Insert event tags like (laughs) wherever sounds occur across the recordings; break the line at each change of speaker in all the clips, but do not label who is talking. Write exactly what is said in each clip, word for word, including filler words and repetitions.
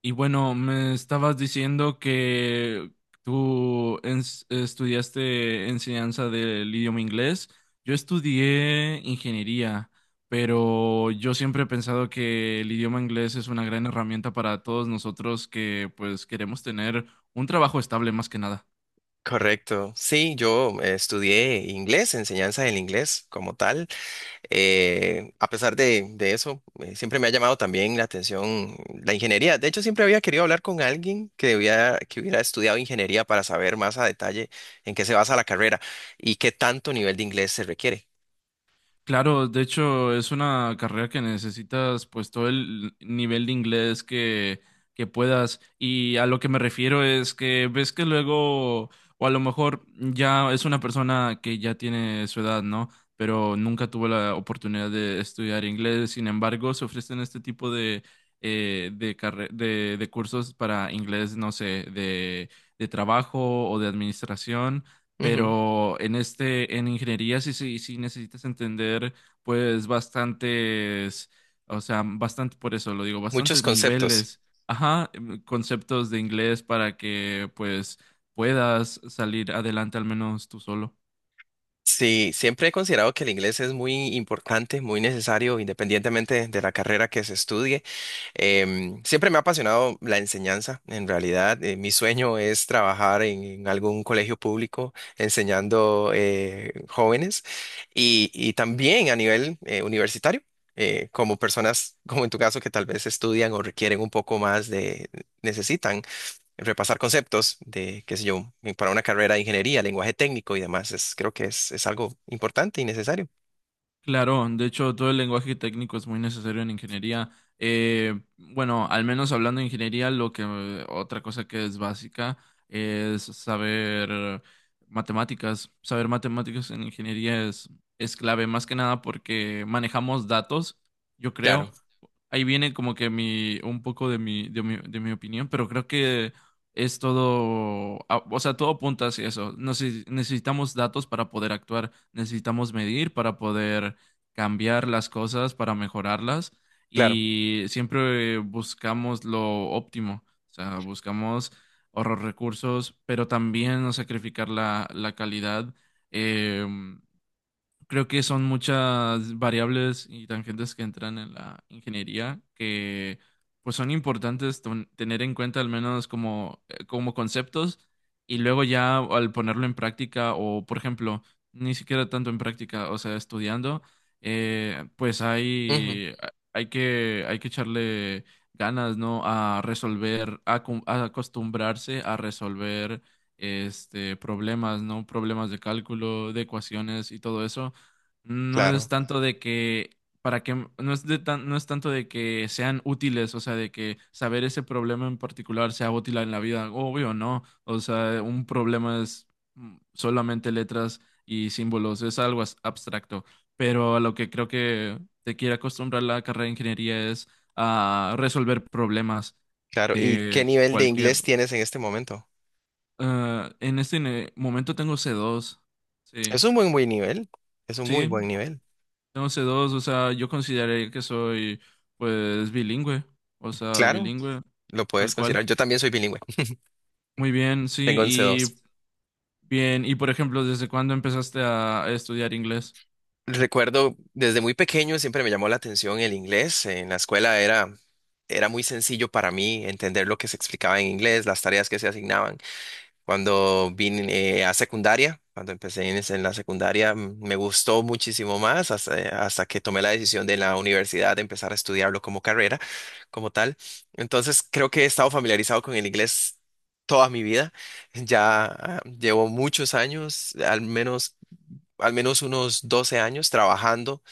Y bueno, me estabas diciendo que tú ens- estudiaste enseñanza del idioma inglés. Yo estudié ingeniería, pero yo siempre he pensado que el idioma inglés es una gran herramienta para todos nosotros que pues queremos tener un trabajo estable más que nada.
Correcto. Sí, yo eh, estudié inglés, enseñanza del inglés como tal. Eh, a pesar de, de eso, eh, siempre me ha llamado también la atención la ingeniería. De hecho, siempre había querido hablar con alguien que, hubiera- que hubiera estudiado ingeniería para saber más a detalle en qué se basa la carrera y qué tanto nivel de inglés se requiere.
Claro, de hecho es una carrera que necesitas pues todo el nivel de inglés que, que puedas, y a lo que me refiero es que ves que luego o a lo mejor ya es una persona que ya tiene su edad, ¿no? Pero nunca tuvo la oportunidad de estudiar inglés, sin embargo se ofrecen este tipo de, eh, de, carre- de, de cursos para inglés, no sé, de, de trabajo o de administración,
Ujú.
pero en este, en ingeniería sí, sí, sí necesitas entender pues bastantes, o sea, bastante, por eso lo digo,
Muchos
bastantes
conceptos.
niveles, ajá, em, conceptos de inglés para que pues puedas salir adelante al menos tú solo.
Sí, siempre he considerado que el inglés es muy importante, muy necesario, independientemente de la carrera que se estudie. Em, siempre me ha apasionado la enseñanza, en realidad. Eh, mi sueño es trabajar en, en algún colegio público enseñando eh, jóvenes y, y también a nivel eh, universitario, eh, como personas (laughs) como en tu caso que tal vez estudian o requieren un poco más de, necesitan repasar conceptos de, qué sé yo, eh, para una carrera de ingeniería, lenguaje técnico y demás. Es, creo que es, es algo importante y necesario.
Claro, de hecho todo el lenguaje técnico es muy necesario en ingeniería. Eh, bueno, al menos hablando de ingeniería, lo que eh, otra cosa que es básica es saber matemáticas. Saber matemáticas en ingeniería es, es clave, más que nada porque manejamos datos, yo creo
Claro,
ahí viene como que mi, un poco de mi, de mi, de mi opinión, pero creo que es todo, a- o sea, todo apunta hacia eso. Nece- Necesitamos datos para poder actuar, necesitamos medir para poder cambiar las cosas, para mejorarlas,
claro.
y siempre buscamos lo óptimo, o sea, buscamos ahorrar recursos, pero también no sacrificar la, la calidad. em, Creo que son muchas variables y tangentes que entran en la ingeniería que pues son importantes ton- tener en cuenta al menos como, eh, como conceptos, y luego ya al ponerlo en práctica o, por ejemplo, ni siquiera tanto en práctica, o sea, estudiando, eh, pues
Ujú,
hay, hay que, hay que echarle ganas, ¿no? A resolver, a, acom- a acostumbrarse a resolver este, problemas, ¿no? Problemas de cálculo, de ecuaciones y todo eso no es
claro,
tanto de que para que no es de tan- no es tanto de que sean útiles, o sea, de que saber ese problema en particular sea útil en la vida, obvio, no. O sea, un problema es mm, solamente letras y símbolos, es algo as- abstracto, pero a lo que creo que te quiere acostumbrar la carrera de ingeniería es a resolver problemas
claro. ¿Y qué
de
nivel de
cualquier.
inglés tienes en este momento?
Ah, en este ne- momento tengo c dos. Sí.
Es un muy buen nivel, es un muy buen
Sí,
nivel.
tengo c dos, o sea, yo consideraría que soy, pues, bilingüe, o sea,
Claro,
bilingüe,
lo
tal
puedes
cual.
considerar. Yo también soy bilingüe,
Muy bien,
(laughs)
sí,
tengo once
y
dos.
bien, y por ejemplo, ¿desde cuándo empezaste a a estudiar inglés?
Recuerdo desde muy pequeño siempre me llamó la atención el inglés. En la escuela era, era muy sencillo para mí entender lo que se explicaba en inglés, las tareas que se asignaban. Cuando vine eh, a secundaria, cuando empecé en, es- en la secundaria, mm, me gustó muchísimo más hasta, hasta que tomé la decisión de en la universidad de empezar a estudiarlo como carrera, como tal. Entonces, creo que he estado familiarizado con el inglés toda mi vida. Ya ah, llevo muchos años, al menos al menos unos doce años trabajando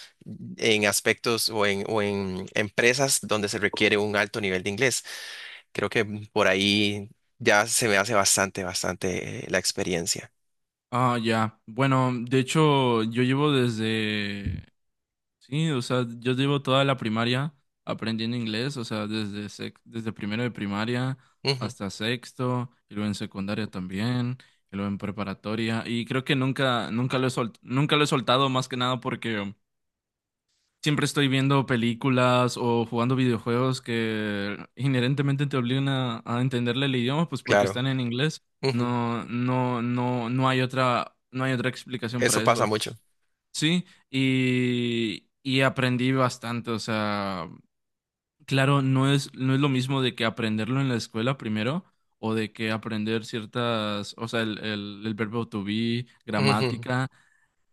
en aspectos o en, o en empresas donde se requiere un alto nivel de inglés. Creo que por ahí ya se me hace bastante, bastante eh, la experiencia.
Ah, ya, bueno, de hecho, yo llevo desde, sí, o sea, yo llevo toda la primaria aprendiendo inglés, o sea, desde, sec- desde primero de primaria
Ujú,
hasta sexto, y luego en secundaria también, y luego en preparatoria. Y creo que nunca nunca lo he sol- nunca lo he soltado, más que nada porque siempre estoy viendo películas o jugando videojuegos que inherentemente te obligan a, a entenderle el idioma, pues porque
claro,
están en inglés.
ujú.
No, no, no, no hay otra, no hay otra explicación
Eso
para
pasa
eso.
mucho.
Sí, y, y aprendí bastante. O sea, claro, no es, no es lo mismo de que aprenderlo en la escuela primero, o de que aprender ciertas, o sea, el, el, el verbo to be,
Ujú.
gramática,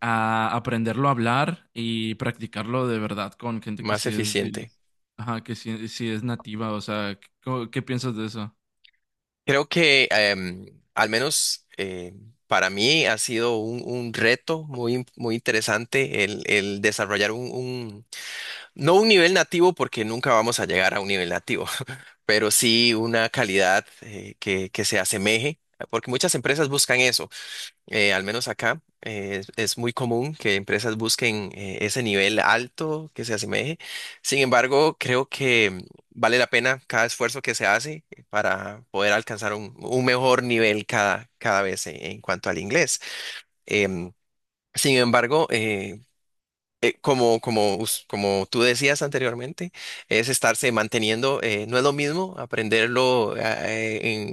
a aprenderlo a hablar y practicarlo de verdad con gente que
Más
sí es, bili-
eficiente.
ajá, que sí, sí es nativa, o sea, ¿qué, qué piensas de eso?
Creo que em, al menos eh, para mí ha sido un, un reto muy, muy interesante el, el desarrollar un, un- no un nivel nativo porque nunca vamos a llegar a un nivel nativo, pero sí una calidad eh, que, que se asemeje, porque muchas empresas buscan eso, eh, al menos acá eh, es, es muy común que empresas busquen eh, ese nivel alto que se asemeje. Sin embargo, creo que mm, vale la pena cada esfuerzo que se hace para poder alcanzar un, un mejor nivel cada, cada vez en, en cuanto al inglés. Em, sin embargo, eh, eh, como, como, us- como tú decías anteriormente, es estarse manteniendo, eh, no es lo mismo aprenderlo eh,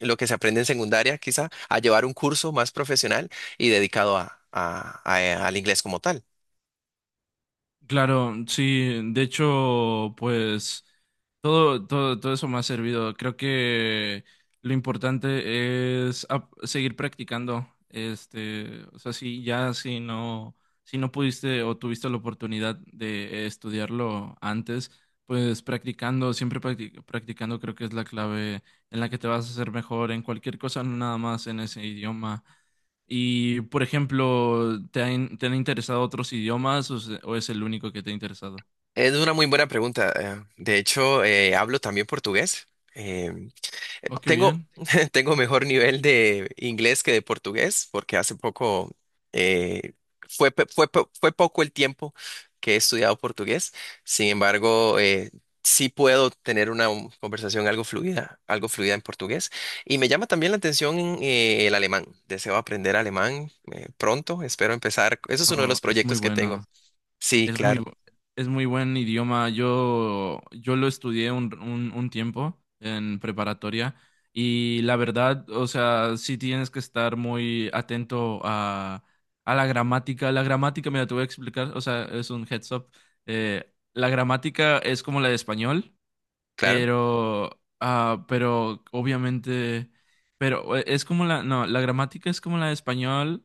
en lo que se aprende en secundaria, quizá, a llevar un curso más profesional y dedicado a, a- a- al inglés como tal.
Claro, sí, de hecho, pues todo, todo, todo eso me ha servido. Creo que lo importante es ap- seguir practicando. Este, o sea, si ya si no, si no pudiste o tuviste la oportunidad de estudiarlo antes, pues practicando, siempre practi- practicando, creo que es la clave en la que te vas a hacer mejor en cualquier cosa, no nada más en ese idioma. Y, por ejemplo, ¿te han, ¿te han interesado otros idiomas o, se- o es el único que te ha interesado?
Es una muy buena pregunta. eh, De hecho, eh, hablo también portugués. eh,
Oh, qué
Tengo,
bien.
(laughs) tengo mejor nivel de inglés que de portugués, porque hace poco eh, fue, pe- fue, po- fue poco el tiempo que he estudiado portugués. Sin embargo, eh, sí puedo tener una um, conversación algo fluida, algo fluida en portugués. Y me llama también la atención eh, el alemán. Deseo aprender alemán eh, pronto. Espero empezar. Eso es uno de
Oh,
los
es muy
proyectos que
bueno.
tengo. Sí,
Es muy,
claro,
bu- es muy buen idioma. Yo, yo lo estudié un, un, un tiempo en preparatoria, y la verdad, o sea, sí tienes que estar muy atento a, a la gramática. La gramática, mira, te voy a explicar, o sea, es un heads up. Eh, la gramática es como la de español.
claro.
Pero, ah, pero obviamente, pero eh, es como la, no, la gramática es como la de español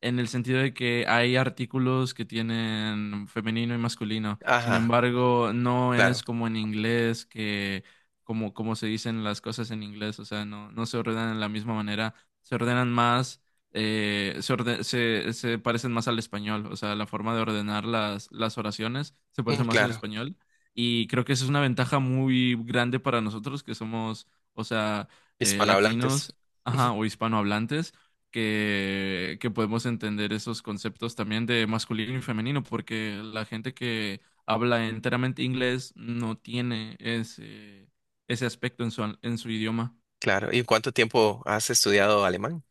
en el sentido de que hay artículos que tienen femenino y masculino. Sin
Ajá,
embargo, no es
claro,
como en inglés que, como, como se dicen las cosas en inglés, o sea, no, no se ordenan de la misma manera, se ordenan más, eh, se, orde- se, se parecen más al español, o sea, la forma de ordenar las, las oraciones se
mm,
parece más al
claro.
español. Y creo que esa es una ventaja muy grande para nosotros que somos, o sea, eh,
Hispanohablantes.
latinos, ajá, o hispanohablantes, que, que podemos entender esos conceptos también de masculino y femenino, porque la gente que habla enteramente inglés no tiene ese, ese aspecto en su, en su idioma.
Claro, ¿y cuánto tiempo has estudiado alemán?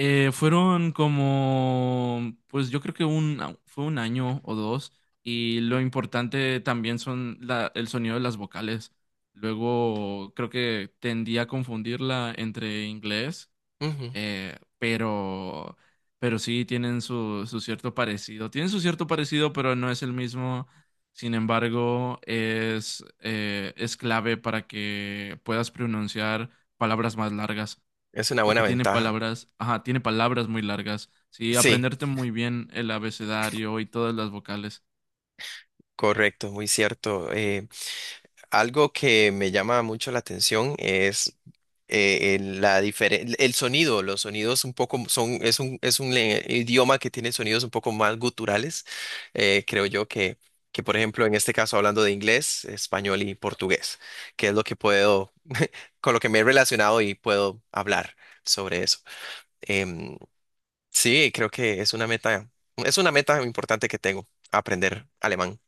Eh, fueron como, pues yo creo que un, fue un año o dos, y lo importante también son la, el sonido de las vocales. Luego creo que tendía a confundirla entre inglés,
Ujú.
eh, pero, pero sí tienen su, su cierto parecido. Tienen su cierto parecido, pero no es el mismo. Sin embargo, es, eh, es clave para que puedas pronunciar palabras más largas
Es una buena
porque tiene
ventaja.
palabras, ajá, tiene palabras muy largas. Sí,
Sí,
aprenderte muy bien el abecedario y todas las vocales.
correcto, muy cierto. Eh, algo que me llama mucho la atención es eh, el, la diferen- el sonido. Los sonidos un poco son, es un, es un le- idioma que tiene sonidos un poco más guturales. Eh, creo yo que, que, por ejemplo, en este caso hablando de inglés, español y portugués, que es lo que puedo, con lo que me he relacionado y puedo hablar sobre eso. Em, Sí, creo que es una meta, es una meta importante que tengo, aprender alemán.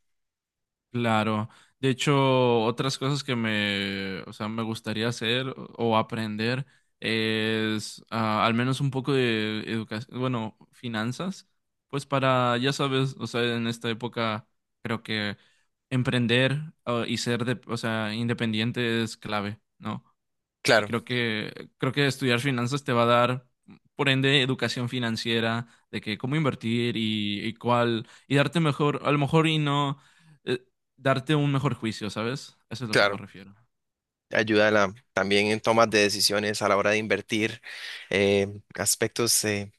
Claro. De hecho, otras cosas que me, o sea, me gustaría hacer o aprender es ah, al menos un poco de educación, bueno, finanzas, pues para, ya sabes, o sea, en esta época creo que emprender ah, y ser, de, o sea, independiente es clave, ¿no? Y
Claro,
creo que, creo que estudiar finanzas te va a dar, por ende, educación financiera, de que cómo invertir y, y cuál, y darte mejor, a lo mejor y no, eh, darte un mejor juicio, ¿sabes? Eso es lo que me
claro.
refiero.
Ayuda a la- también en tomas de decisiones a la hora de invertir, eh, aspectos eh,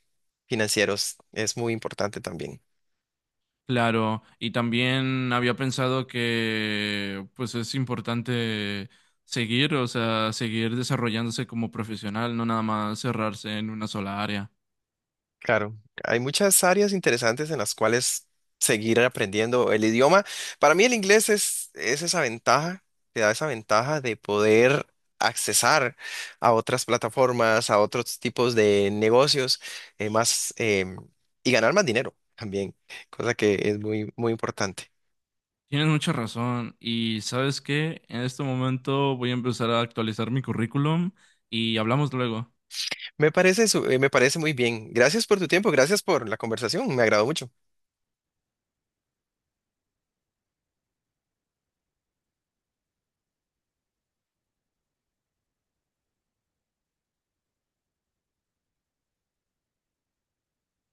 financieros es muy importante también.
Claro, y también había pensado que pues es importante seguir, o sea, seguir desarrollándose como profesional, no nada más cerrarse en una sola área.
Claro, hay muchas áreas interesantes en las cuales seguir aprendiendo el idioma. Para mí el inglés es, es esa ventaja, te da esa ventaja de poder accesar a otras plataformas, a otros tipos de negocios, eh, más em, y ganar más dinero también, cosa que es muy, muy importante.
Tienes mucha razón. Y sabes qué, en este momento voy a empezar a actualizar mi currículum y hablamos luego.
Me parece, su- eh, me parece muy bien. Gracias por tu tiempo, gracias por la conversación, me agradó mucho.